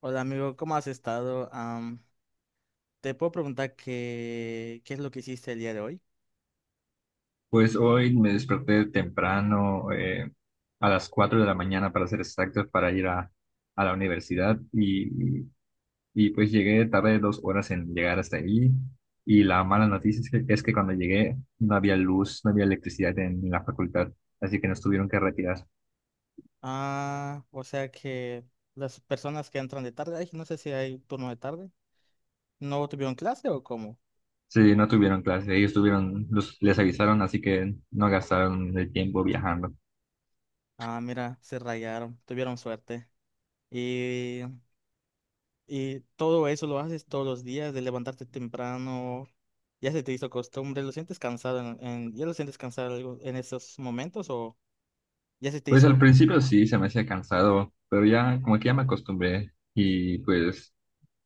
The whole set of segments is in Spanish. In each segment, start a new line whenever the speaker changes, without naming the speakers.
Hola amigo, ¿cómo has estado? Te puedo preguntar qué es lo que hiciste el día de hoy.
Pues hoy me desperté temprano, a las 4 de la mañana para ser exactos, para ir a la universidad y pues llegué tarde 2 horas en llegar hasta ahí y la mala noticia es es que cuando llegué no había luz, no había electricidad en la facultad, así que nos tuvieron que retirar.
Ah, o sea que las personas que entran de tarde, ay, no sé si hay turno de tarde, ¿no tuvieron clase o cómo?
Sí, no tuvieron clase, les avisaron, así que no gastaron el tiempo viajando.
Ah, mira, se rayaron, tuvieron suerte. Y, y todo eso lo haces todos los días, de levantarte temprano, ya se te hizo costumbre, ¿lo sientes cansado ya lo sientes cansado algo en esos momentos o ya se te
Pues al
hizo?
principio sí se me hacía cansado, pero ya como que ya me acostumbré y pues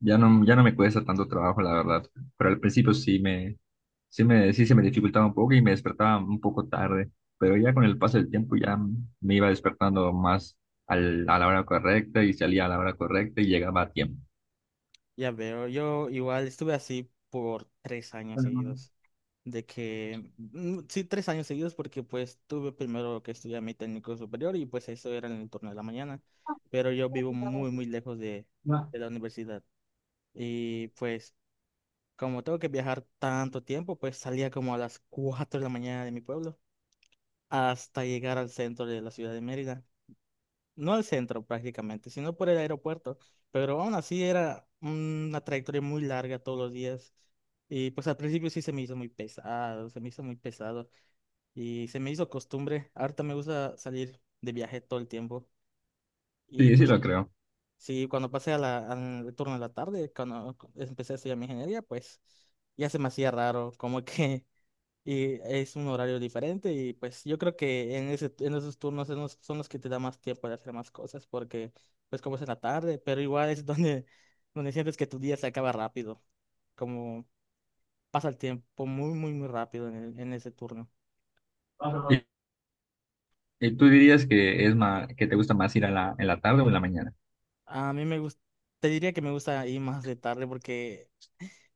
ya no, ya no me cuesta tanto trabajo, la verdad. Pero al principio sí se me dificultaba un poco y me despertaba un poco tarde, pero ya con el paso del tiempo ya me iba despertando más a la hora correcta y salía a la hora correcta y llegaba a tiempo.
Ya veo, yo igual estuve así por 3 años seguidos, de que, sí, 3 años seguidos porque pues tuve primero que estudiar mi técnico superior y pues eso era en el turno de la mañana, pero yo vivo muy, muy lejos de la universidad y pues como tengo que viajar tanto tiempo, pues salía como a las 4 de la mañana de mi pueblo hasta llegar al centro de la ciudad de Mérida, no al centro prácticamente, sino por el aeropuerto. Pero aún así era una trayectoria muy larga todos los días. Y pues al principio sí se me hizo muy pesado, se me hizo muy pesado y se me hizo costumbre. Ahorita me gusta salir de viaje todo el tiempo. Y
Sí, sí
pues
lo creo.
sí, cuando pasé a al retorno de la tarde, cuando empecé a estudiar mi ingeniería, pues ya se me hacía raro, como que y es un horario diferente y pues yo creo que en esos turnos son los que te da más tiempo de hacer más cosas porque pues como es en la tarde, pero igual es donde sientes que tu día se acaba rápido, como pasa el tiempo muy, muy, muy rápido en ese turno.
¿Y, y tú dirías que es más, que te gusta más ir a en la tarde o en la mañana?
A mí me gusta, te diría que me gusta ir más de tarde porque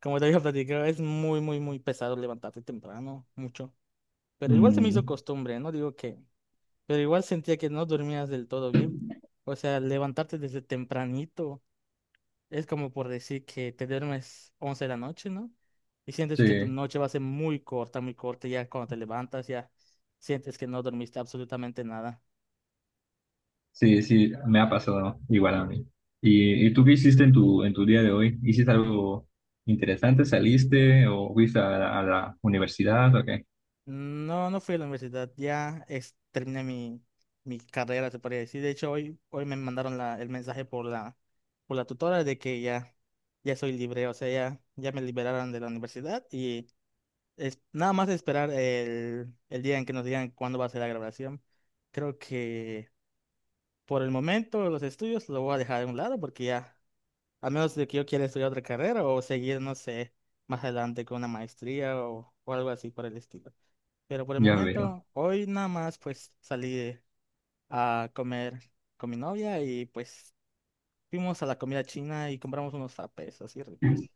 como te había platicado es muy, muy, muy pesado levantarte temprano, mucho, pero igual se me hizo
Mm,
costumbre, no digo que, pero igual sentía que no dormías del todo bien, o sea, levantarte desde tempranito. Es como por decir que te duermes 11 de la noche, ¿no? Y sientes que tu
sí.
noche va a ser muy corta, y ya cuando te levantas ya sientes que no dormiste absolutamente nada.
Sí, sí, me ha pasado igual a mí. ¿ y tú qué hiciste en en tu día de hoy? ¿Hiciste algo interesante? ¿Saliste o fuiste a a la universidad? ¿O qué?
No, no fui a la universidad, terminé mi carrera, se podría decir. De hecho, hoy me mandaron el mensaje por la tutora de que ya soy libre, o sea, ya me liberaron de la universidad y es nada más esperar el día en que nos digan cuándo va a ser la grabación. Creo que. Por el momento, los estudios los voy a dejar a un lado porque ya, a menos de que yo quiera estudiar otra carrera o seguir, no sé, más adelante con una maestría o algo así por el estilo. Pero por el
Ya veo.
momento, hoy nada más pues salí a comer con mi novia y pues fuimos a la comida china y compramos unos zapes así ricos.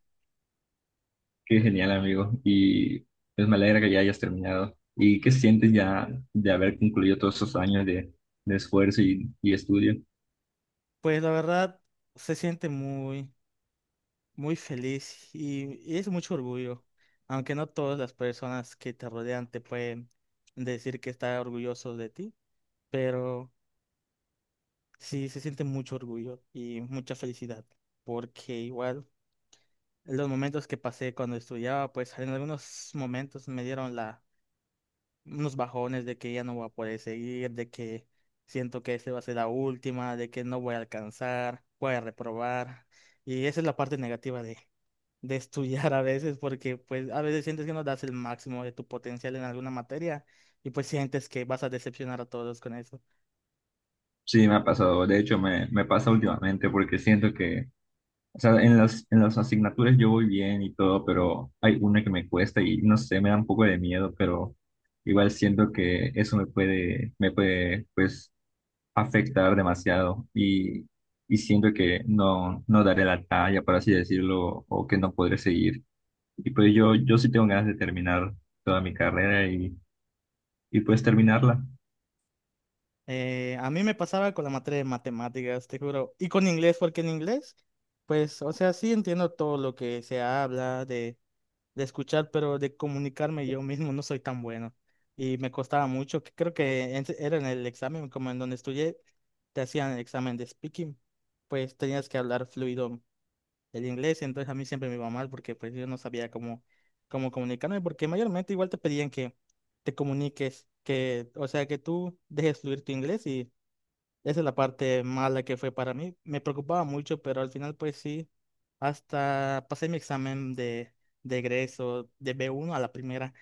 Qué genial, amigo. Y pues me alegra que ya hayas terminado. ¿Y qué sientes ya de haber concluido todos esos años de esfuerzo y estudio?
Pues la verdad, se siente muy, muy feliz y es mucho orgullo, aunque no todas las personas que te rodean te pueden decir que está orgulloso de ti, pero sí se siente mucho orgullo y mucha felicidad, porque igual en los momentos que pasé cuando estudiaba, pues en algunos momentos me dieron unos bajones de que ya no voy a poder seguir, de que siento que esta va a ser la última, de que no voy a alcanzar, voy a reprobar, y esa es la parte negativa de estudiar a veces, porque pues a veces sientes que no das el máximo de tu potencial en alguna materia, y pues sientes que vas a decepcionar a todos con eso.
Sí, me ha pasado. De hecho, me pasa últimamente porque siento que. O sea, en en las asignaturas yo voy bien y todo, pero hay una que me cuesta y no sé, me da un poco de miedo, pero igual siento que eso me puede, pues, afectar demasiado y siento que no daré la talla, por así decirlo, o que no podré seguir. Y pues yo sí tengo ganas de terminar toda mi carrera y pues terminarla.
A mí me pasaba con la materia de matemáticas, te juro. Y con inglés, porque en inglés, pues, o sea, sí entiendo todo lo que se habla, de escuchar, pero de comunicarme yo mismo no soy tan bueno. Y me costaba mucho, que creo que era en el examen, como en donde estudié, te hacían el examen de speaking, pues tenías que hablar fluido el inglés, entonces a mí siempre me iba mal porque pues yo no sabía cómo comunicarme, porque mayormente igual te pedían que te comuniques, que, o sea, que tú dejes fluir tu inglés y esa es la parte mala que fue para mí. Me preocupaba mucho, pero al final pues sí, hasta pasé mi examen de egreso de B1 a la primera.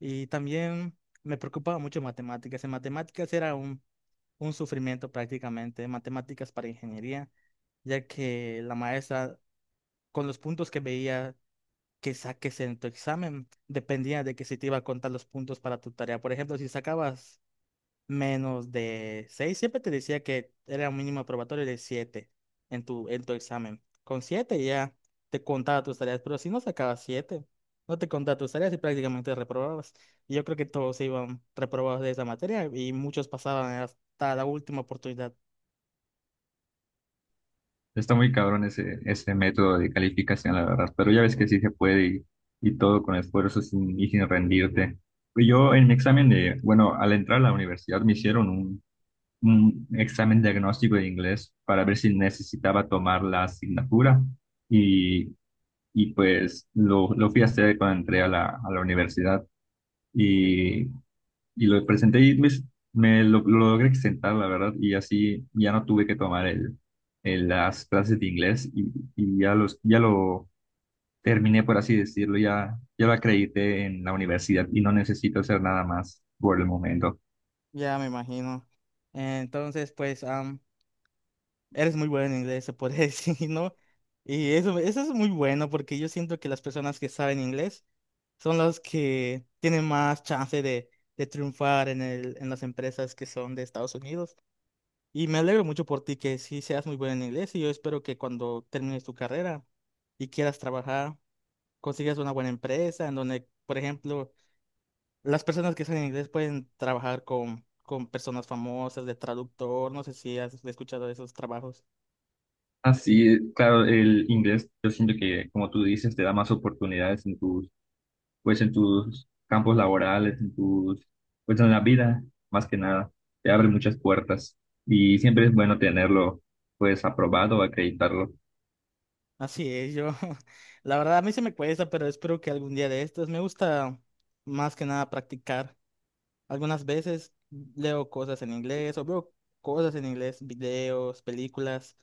Y también me preocupaba mucho matemáticas. En matemáticas era un sufrimiento prácticamente, matemáticas para ingeniería, ya que la maestra con los puntos que veía que saques en tu examen dependía de que si te iba a contar los puntos para tu tarea. Por ejemplo, si sacabas menos de 6 siempre te decía que era un mínimo probatorio de 7 en tu examen. Con 7 ya te contaba tus tareas, pero si no sacabas 7 no te contaba tus tareas y prácticamente reprobabas. Y yo creo que todos iban reprobados de esa materia y muchos pasaban hasta la última oportunidad.
Está muy cabrón ese método de calificación, la verdad, pero ya ves que sí se puede y todo con esfuerzo sin, y sin rendirte. Yo en mi examen de, bueno, al entrar a la universidad me hicieron un examen diagnóstico de inglés para ver si necesitaba tomar la asignatura y, y pues lo fui a hacer cuando entré a a la universidad y y lo presenté y lo logré exentar, la verdad, y así ya no tuve que tomar las clases de inglés y ya, ya lo terminé, por así decirlo, ya, ya lo acredité en la universidad y no necesito hacer nada más por el momento.
Ya me imagino. Entonces, pues, eres muy bueno en inglés, se puede decir, ¿no? Y eso es muy bueno porque yo siento que las personas que saben inglés son los que tienen más chance de triunfar en las empresas que son de Estados Unidos. Y me alegro mucho por ti que sí seas muy buena en inglés y yo espero que cuando termines tu carrera y quieras trabajar, consigas una buena empresa en donde, por ejemplo, las personas que saben inglés pueden trabajar con personas famosas de traductor, no sé si has escuchado de esos trabajos.
Así, claro, el inglés, yo siento que, como tú dices, te da más oportunidades en tu pues en tus campos laborales, en tus, pues en la vida, más que nada, te abre muchas puertas y siempre es bueno tenerlo, pues aprobado o acreditarlo.
Así es, yo, la verdad a mí se me cuesta, pero espero que algún día de estos me gusta más que nada practicar. Algunas veces leo cosas en inglés o veo cosas en inglés, videos, películas,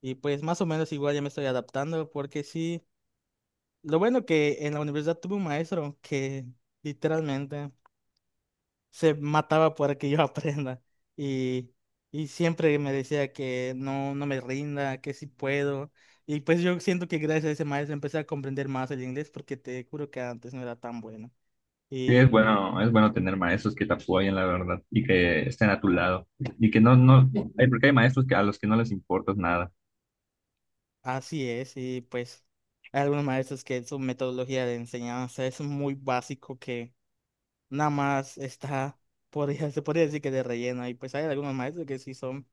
y pues más o menos igual ya me estoy adaptando porque sí, lo bueno que en la universidad tuve un maestro que literalmente se mataba para que yo aprenda y, y siempre me decía que no, no me rinda, que sí puedo, y pues yo siento que gracias a ese maestro empecé a comprender más el inglés porque te juro que antes no era tan bueno.
Sí, es bueno tener maestros que te apoyen, la verdad, y que estén a tu lado. Y que no, no, hay, porque hay maestros que a los que no les importa nada.
Así es, y pues hay algunos maestros que su metodología de enseñanza es muy básico que nada más está, se podría decir que de relleno, y pues hay algunos maestros que sí son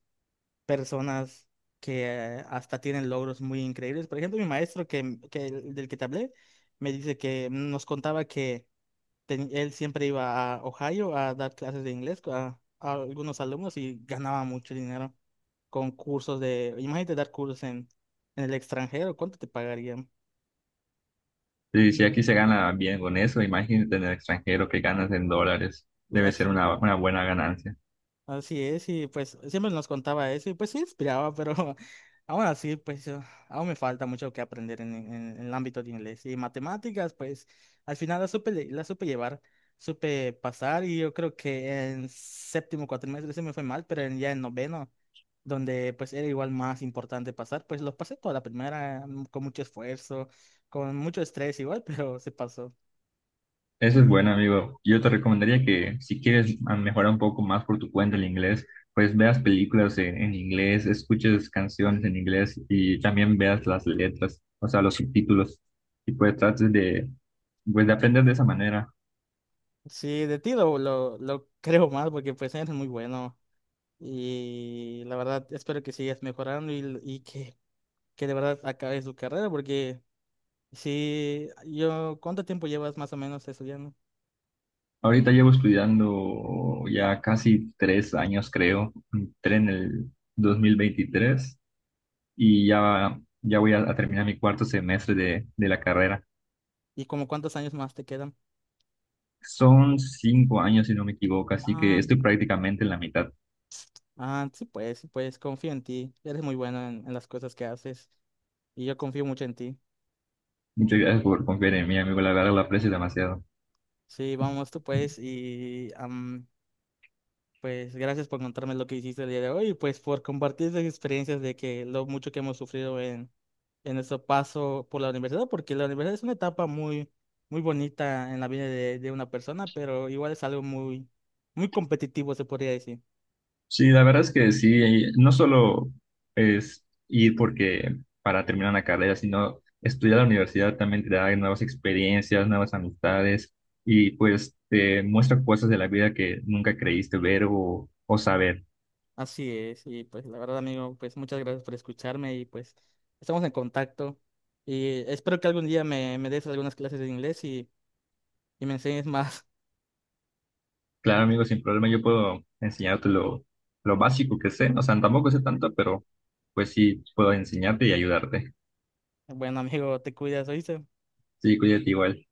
personas que hasta tienen logros muy increíbles. Por ejemplo, mi maestro del que te hablé me dice que nos contaba que él siempre iba a Ohio a dar clases de inglés a algunos alumnos y ganaba mucho dinero con cursos imagínate dar cursos en el extranjero, ¿cuánto te pagarían?
Y si aquí se gana bien con eso, imagínate en el extranjero que ganas en dólares,
O sea,
debe ser
si.
una buena ganancia.
Así es, y pues siempre nos contaba eso, y pues sí inspiraba, pero aún así, pues aún me falta mucho que aprender en el ámbito de inglés. Y matemáticas, pues al final la supe llevar, supe pasar, y yo creo que en séptimo cuatrimestre se me fue mal, pero ya en noveno, donde pues era igual más importante pasar, pues lo pasé toda la primera, con mucho esfuerzo, con mucho estrés igual, pero se pasó.
Eso es bueno, amigo. Yo te recomendaría que si quieres ah, mejorar un poco más por tu cuenta el inglés, pues veas películas en inglés, escuches canciones en inglés y también veas las letras, o sea, los subtítulos. Y pues trates de, pues, de aprender de esa manera.
Sí, de ti lo creo más, porque pues eres muy bueno. Y la verdad, espero que sigas mejorando y que de verdad acabes tu carrera, porque si yo, ¿cuánto tiempo llevas más o menos estudiando?
Ahorita llevo estudiando ya casi 3 años, creo. Entré en el 2023 y ya, ya voy a terminar mi 4.º semestre de la carrera.
¿Y como cuántos años más te quedan?
Son 5 años, si no me equivoco, así que
Ah,
estoy prácticamente en la mitad.
ah, sí, pues confío en ti. Eres muy bueno en las cosas que haces y yo confío mucho en ti.
Muchas gracias por confiar en mí, amigo. La verdad lo aprecio demasiado.
Sí, vamos tú pues y pues gracias por contarme lo que hiciste el día de hoy y pues por compartir esas experiencias de que lo mucho que hemos sufrido en nuestro paso por la universidad, porque la universidad es una etapa muy, muy bonita en la vida de una persona, pero igual es algo muy, muy competitivo, se podría decir.
Sí, la verdad es que sí, no solo es ir porque para terminar una carrera, sino estudiar en la universidad también te da nuevas experiencias, nuevas amistades y pues te muestra cosas de la vida que nunca creíste ver o saber.
Así es, y pues la verdad, amigo, pues muchas gracias por escucharme y pues estamos en contacto y espero que algún día me des algunas clases de inglés y me enseñes más.
Claro, amigo, sin problema, yo puedo enseñarte lo básico que sé. O sea, tampoco sé tanto, pero pues sí puedo enseñarte y ayudarte.
Bueno, amigo, te cuidas, ¿oíste?
Sí, cuídate igual.